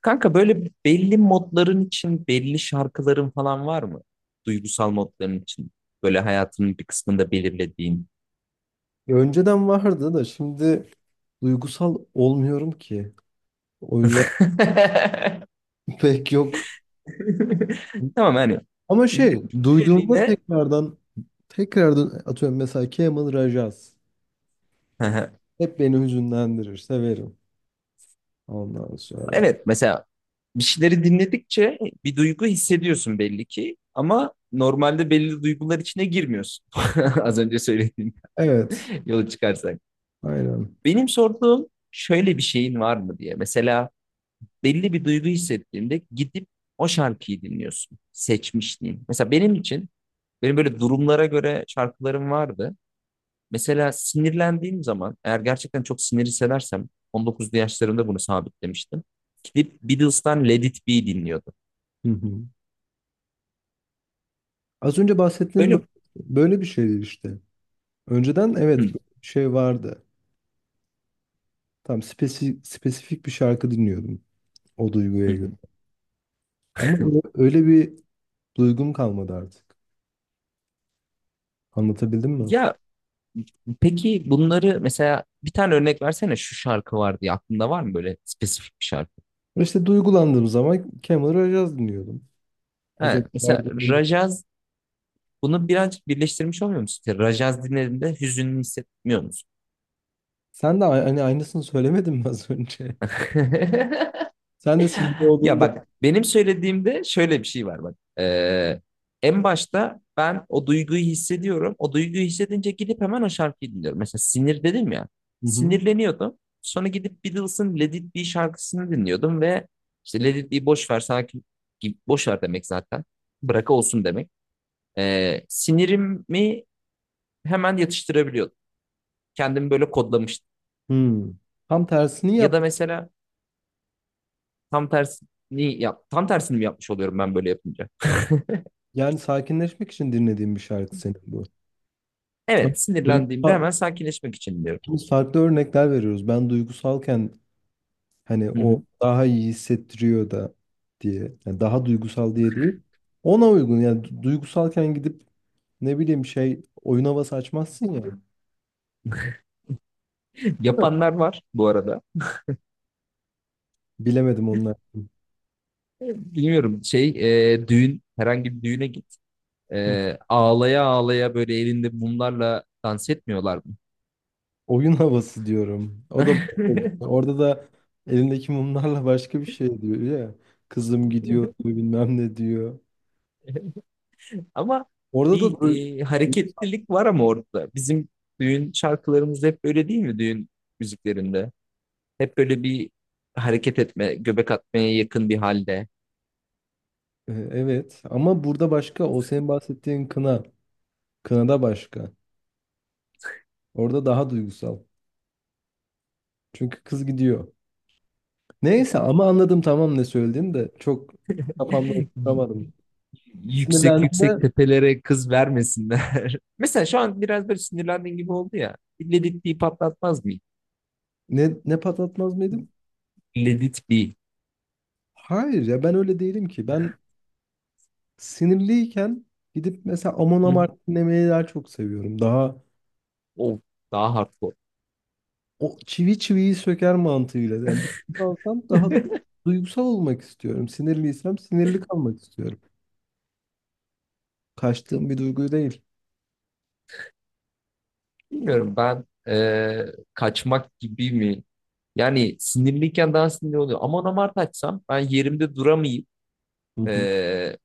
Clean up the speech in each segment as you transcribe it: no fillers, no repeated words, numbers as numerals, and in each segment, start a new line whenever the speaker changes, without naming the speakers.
Kanka böyle belli modların için belli şarkıların falan var mı? Duygusal modların için. Böyle hayatının bir kısmında belirlediğin.
Ya önceden vardı da şimdi duygusal olmuyorum ki. O yüzden pek yok.
Tamam, hani
Ama şey duyduğumda
süreliğine.
tekrardan atıyorum mesela Kemal Rajaz.
Hı hı.
Hep beni hüzünlendirir. Severim. Ondan sonra.
Evet, mesela bir şeyleri dinledikçe bir duygu hissediyorsun belli ki ama normalde belli duygular içine girmiyorsun. Az önce söylediğim
Evet.
yolu çıkarsak.
Aynen.
Benim sorduğum şöyle bir şeyin var mı diye. Mesela belli bir duygu hissettiğinde gidip o şarkıyı dinliyorsun. Seçmişliğin. Mesela benim için böyle durumlara göre şarkılarım vardı. Mesela sinirlendiğim zaman, eğer gerçekten çok sinir hissedersem, 19'lu yaşlarımda bunu sabitlemiştim. Gidip Beatles'tan Let It Be dinliyordum.
Hı hı. Az önce bahsettiğim bö-
Böyle.
böyle bir şeydi işte. Önceden evet
Hı,
böyle bir şey vardı. Tam spesifik bir şarkı dinliyordum o
hı,
duyguya göre.
hı.
Ama öyle öyle bir duygum kalmadı artık. Anlatabildim mi?
Ya peki, bunları mesela bir tane örnek versene, şu şarkı var diye aklında var mı böyle spesifik bir şarkı?
Ve işte duygulandığım zaman Kemal Rojaz dinliyordum. Az
Ha,
önce
mesela
verdiğim örnek.
Rajaz, bunu birazcık birleştirmiş olmuyor musun? İşte Rajaz dinlediğinde hüzünlü hissetmiyor musun?
Hani aynısını söylemedin mi az önce? Sen de sinirli
Ya
olduğunda.
bak, benim söylediğimde şöyle bir şey var bak. En başta ben o duyguyu hissediyorum. O duyguyu hissedince gidip hemen o şarkıyı dinliyorum. Mesela sinir dedim ya.
Hı hı.
Sinirleniyordum. Sonra gidip Beatles'ın Let It Be şarkısını dinliyordum ve işte Let It Be, boş ver sakin gibi, boş ver demek zaten. Bırak olsun demek. Sinirimi hemen yatıştırabiliyordum. Kendimi böyle kodlamıştım.
Hmm. Tam tersini
Ya
yap.
da mesela tam tersi ni yap, tam tersini mi yapmış oluyorum ben böyle yapınca?
Yani sakinleşmek için dinlediğim bir şarkı senin bu. Ama
Evet, sinirlendiğimde
duygusal,
hemen sakinleşmek için diyorum.
biz farklı örnekler veriyoruz. Ben duygusalken hani
Hı
o
hı.
daha iyi hissettiriyor da diye. Yani daha duygusal diye değil. Ona uygun. Yani duygusalken gidip ne bileyim şey oyun havası açmazsın ya.
Yapanlar var bu arada.
Bilemedim onlar.
Bilmiyorum, düğün, herhangi bir düğüne git. Ağlaya ağlaya böyle elinde mumlarla dans etmiyorlar mı?
Oyun havası diyorum. O da boş olsun. Orada da elindeki mumlarla başka bir şey diyor ya. Kızım gidiyor diyor, bilmem ne diyor.
Ama
Orada da
bir
du-
hareketlilik var ama orada. Bizim düğün şarkılarımız hep böyle değil mi, düğün müziklerinde? Hep böyle bir hareket etme, göbek atmaya yakın bir halde.
E, evet ama burada başka o senin bahsettiğin kına. Kınada başka. Orada daha duygusal. Çünkü kız gidiyor. Neyse ama anladım tamam, ne söylediğini de çok kafamda oturtamadım.
Yüksek yüksek
Sinirlendiğimde
tepelere kız vermesinler. Mesela şu an biraz böyle sinirlendiğin gibi oldu ya. Ledit bir patlatmaz mı?
ne patlatmaz mıydım?
Ledit bir.
Hayır ya ben öyle değilim ki. Ben sinirliyken gidip mesela Amon
Hı hı.
Amarth dinlemeyi daha çok seviyorum. Daha
O daha hardcore.
o çivi çiviyi söker mantığıyla. Yani duygusalsam daha duygusal olmak istiyorum. Sinirliysem sinirli kalmak istiyorum. Kaçtığım bir duygu değil.
Bilmiyorum ben, kaçmak gibi mi? Yani sinirliyken daha sinirli oluyor. Aman amart açsam ben yerimde duramayıp
Hı hı.
e,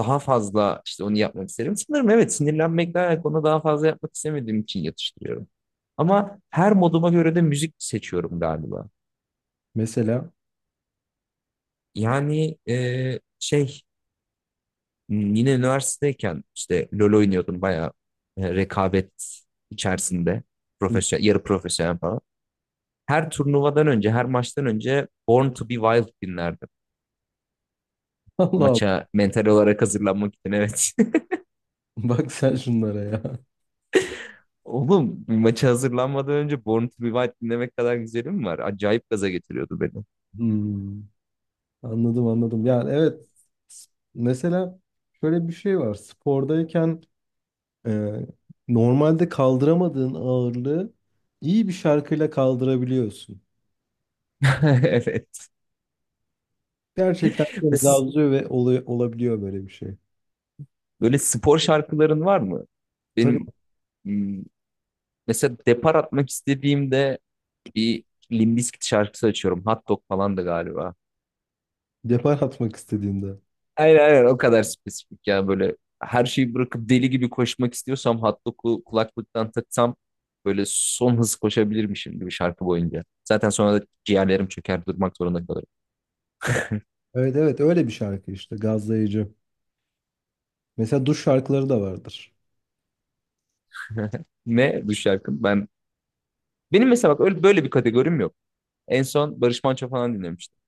daha fazla işte onu yapmak isterim. Sanırım evet, sinirlenmekten onu daha fazla yapmak istemediğim için yatıştırıyorum. Ama her moduma göre de müzik seçiyorum galiba.
Mesela.
Yani yine üniversitedeyken işte LoL oynuyordum bayağı, rekabet içerisinde,
Hı.
profesyonel, yarı profesyonel falan. Her turnuvadan önce, her maçtan önce Born to be Wild dinlerdim.
Allah Allah.
Maça mental olarak hazırlanmak için, evet.
Bak sen şunlara ya.
Oğlum, maça hazırlanmadan önce Born to be Wild dinlemek kadar güzelim mi var? Acayip gaza getiriyordu beni.
Hmm. Anladım anladım. Yani evet, mesela şöyle bir şey var. Spordayken e, normalde kaldıramadığın ağırlığı iyi bir şarkıyla kaldırabiliyorsun.
Evet.
Gerçekten böyle
Ve siz
gazlıyor ve olabiliyor böyle bir şey.
böyle spor şarkıların var mı?
Tabii
Benim, m, mesela depar atmak istediğimde bir Limp Bizkit şarkısı açıyorum. Hot Dog falan da galiba.
depar atmak istediğinde.
Aynen, aynen, o kadar spesifik ya, böyle her şeyi bırakıp deli gibi koşmak istiyorsam Hot Dog'u kulaklıktan taksam böyle son hız koşabilirmişim gibi şarkı boyunca. Zaten sonra da ciğerlerim çöker, durmak zorunda kalırım.
Evet evet öyle bir şarkı işte, gazlayıcı. Mesela duş şarkıları da vardır.
Ne bu şarkı? Benim mesela bak, öyle böyle bir kategorim yok. En son Barış Manço falan dinlemiştim.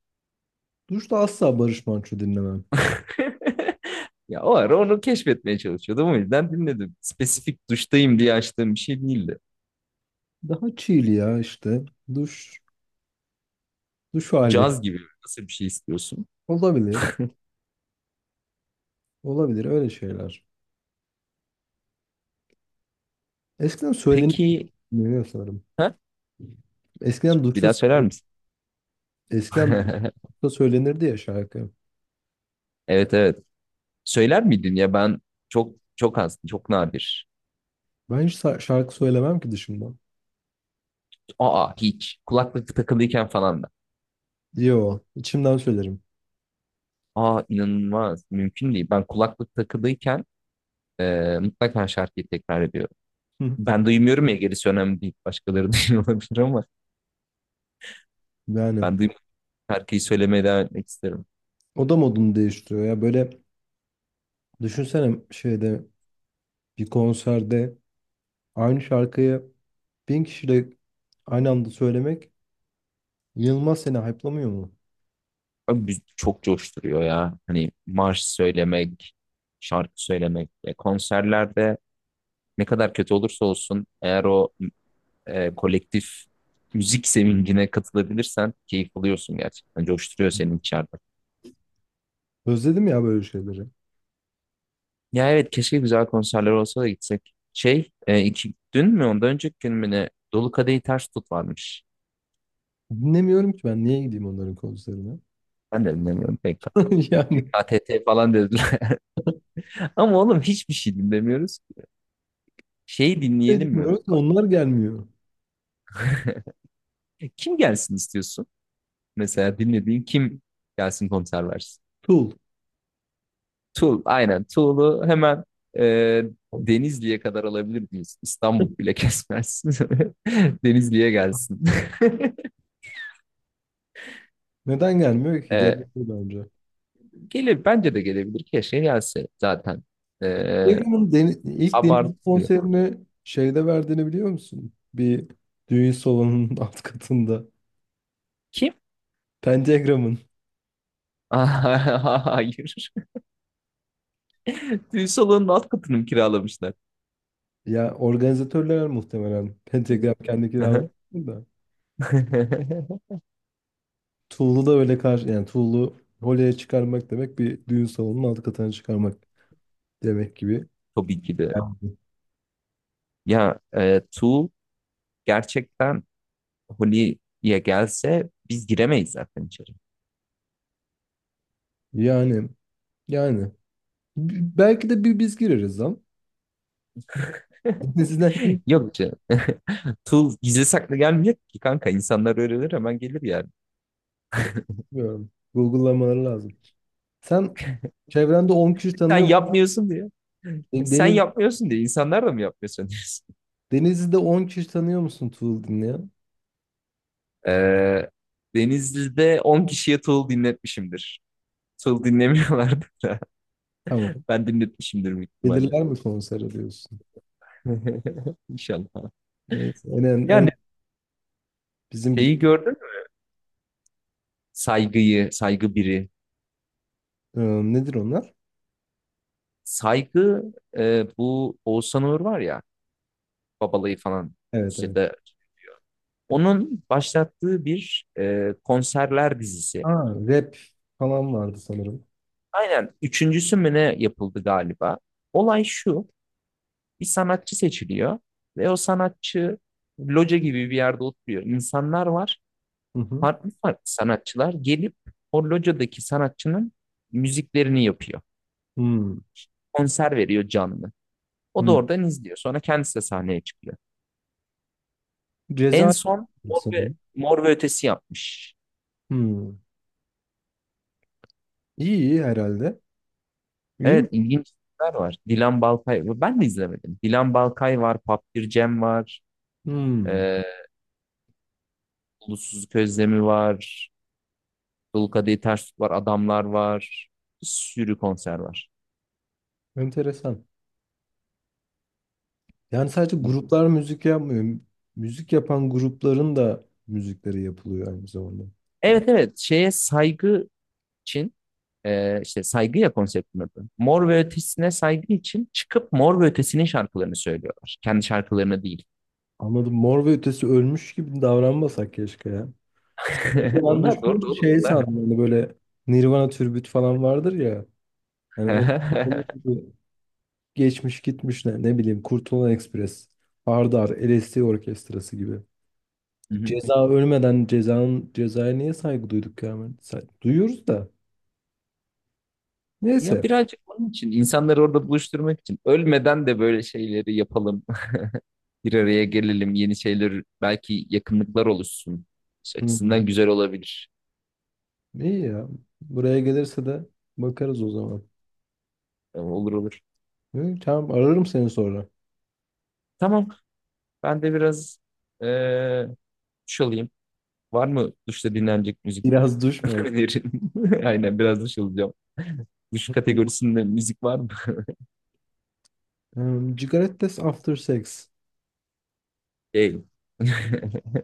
Duşta asla Barış Manço dinlemem.
Ya o ara onu keşfetmeye çalışıyordum. O yüzden dinledim. Spesifik duştayım diye açtığım bir şey değildi.
Daha chill ya işte. Duş, duş hali.
Caz gibi, nasıl bir şey istiyorsun?
Olabilir. Olabilir öyle şeyler. Eskiden
Peki,
söyleniyor sanırım.
ha?
Eskiden
Bir
duşta
daha söyler misin?
eskiden duşta söylenirdi ya şarkı.
Evet, evet. Söyler miydin ya? Ben çok çok az, çok nadir.
Şarkı söylemem ki dışımdan.
Aa, hiç? Kulaklık takılıyken falan da.
Yo, içimden söylerim.
Aa, inanılmaz. Mümkün değil. Ben kulaklık takılıyken mutlaka şarkıyı tekrar ediyorum.
Hı.
Ben duymuyorum ya, gerisi önemli değil. Başkaları duyuyor olabilir ama
Yani
ben duymuyorum. Şarkıyı söylemeye devam etmek isterim.
o da modunu değiştiriyor ya böyle. Düşünsene şeyde, bir konserde aynı şarkıyı bin kişiyle aynı anda söylemek inanılmaz seni hype'lamıyor mu?
Abi, çok coşturuyor ya. Hani marş söylemek, şarkı söylemek. Konserlerde ne kadar kötü olursa olsun, eğer o kolektif müzik sevincine katılabilirsen keyif alıyorsun gerçekten. Coşturuyor senin içeride.
Özledim ya böyle şeyleri.
Ya evet, keşke güzel konserler olsa da gitsek. İki, dün mü ondan önceki gün mü ne? Dolu Kadehi Ters Tut varmış.
Dinlemiyorum ki, ben niye gideyim onların konserine?
Ben de dinlemiyorum PK.
Yani
PKTT falan dediler. Ama oğlum, hiçbir şey dinlemiyoruz. Şey,
ne
dinleyelim mi?
dinliyoruz
Bak,
onlar gelmiyor.
kim gelsin istiyorsun? Mesela dinlediğin kim gelsin, konser versin?
Tool.
Tuğ, aynen. Tuğlu hemen e, Denizli'ye kadar alabilir miyiz? İstanbul bile kesmez. Denizli'ye gelsin.
Neden gelmiyor ki?
E,
Gelmedi bence.
Gelir, bence de gelebilir. Keşke gelse zaten. E,
İlk Denizli
Abartılıyor.
konserini şeyde verdiğini biliyor musun? Bir düğün salonunun alt katında.
Kim?
Pentagram'ın.
Hayır. Düğün salonunun alt katını mı kiralamışlar?
Ya organizatörler muhtemelen, pentagram kendi
Aha.
kiralamasını da. Tuğlu da öyle karşı, yani Tuğlu Holly'e çıkarmak demek bir düğün salonunun alt katına çıkarmak demek gibi.
Tabii ki de.
Yani,
Ya Tuğ gerçekten Holi'ye gelse biz giremeyiz zaten içeri.
yani, yani. Belki de bir biz gireriz lan. Sizden kim? Tuğlu?
Yok canım. Tuğ gizli saklı gelmiyor ki kanka. İnsanlar öğrenir, hemen gelir yani.
Bilmiyorum. Google'lamaları lazım. Sen çevrende 10 kişi
Sen
tanıyor musun?
yapmıyorsun diyor. Sen
Deniz,
yapmıyorsun diye insanlar da mı yapmıyorsun diyorsun?
Denizli'de 10 kişi tanıyor musun Tuğlu dinleyen?
Ee, Denizli'de 10 kişiye tuğul dinletmişimdir. Tuğul dinlemiyorlardı da.
Tamam.
Ben dinletmişimdir büyük ihtimalle.
Gelirler mi konsere diyorsun?
İnşallah.
Neyse.
Yani
Bizim git.
şeyi gördün mü? Saygıyı, saygı biri.
Ee, nedir onlar?
Saygı, bu Oğuzhan Uğur var ya. Babalayı falan.
Evet
İşte
evet.
de, onun başlattığı bir konserler dizisi.
Ha, rap falan vardı sanırım.
Aynen, üçüncüsü mü ne yapıldı galiba. Olay şu: bir sanatçı seçiliyor ve o sanatçı loca gibi bir yerde oturuyor. İnsanlar var,
Hı hı.
farklı farklı sanatçılar gelip o locadaki sanatçının müziklerini yapıyor.
Hmm,
Konser veriyor canlı. O da
hmm.
oradan izliyor. Sonra kendisi de sahneye çıkıyor. En
Ceza
son
sanırım.
Mor ve Ötesi yapmış.
Hmm. İyi iyi herhalde. İyi mi?
Evet, ilginç filmler var. Dilan Balkay. Ben de izlemedim. Dilan Balkay var. Papir Cem var.
Hmm.
E, Ulusuzluk Özlemi var. Dul Kadehi Ters Tut var. Adamlar var. Bir sürü konser var.
Enteresan. Yani sadece gruplar müzik yapmıyor. Müzik yapan grupların da müzikleri yapılıyor aynı zamanda.
Evet, evet. Şeye saygı için, işte saygı ya konseptin adı. Mor ve Ötesi'ne saygı için çıkıp Mor ve Ötesi'nin şarkılarını söylüyorlar. Kendi şarkılarını değil.
Anladım. Mor ve Ötesi ölmüş gibi davranmasak keşke ya. Ben
Onlar doğru da
düşününce
oğlum.
şey
Onlar.
sandım. Hani böyle Nirvana türbüt falan vardır ya. Hani onun, geçmiş gitmiş, ne, ne bileyim Kurtulan Ekspres, Hardar, LSD Orkestrası gibi. Ceza ölmeden cezanın cezaya niye saygı duyduk ya? Duyuyoruz da.
Ya
Neyse.
birazcık onun için, insanları orada buluşturmak için ölmeden de böyle şeyleri yapalım. Bir araya gelelim, yeni şeyler, belki yakınlıklar oluşsun. İşte
Hı.
açısından güzel olabilir.
İyi ya. Buraya gelirse de bakarız o zaman.
Olur olur.
Hı, tamam ararım seni sonra.
Tamam, ben de biraz eee duş alayım. Var mı duşta dinlenecek müzik
Biraz duş mu
önerin? Aynen, biraz duş alacağım. Duş
alayım?
kategorisinde müzik var mı?
Cigarettes after sex.
Değil.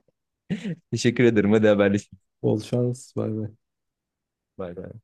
Teşekkür ederim. Hadi haberleşelim.
Bol şans. Bay bay.
Bay bay.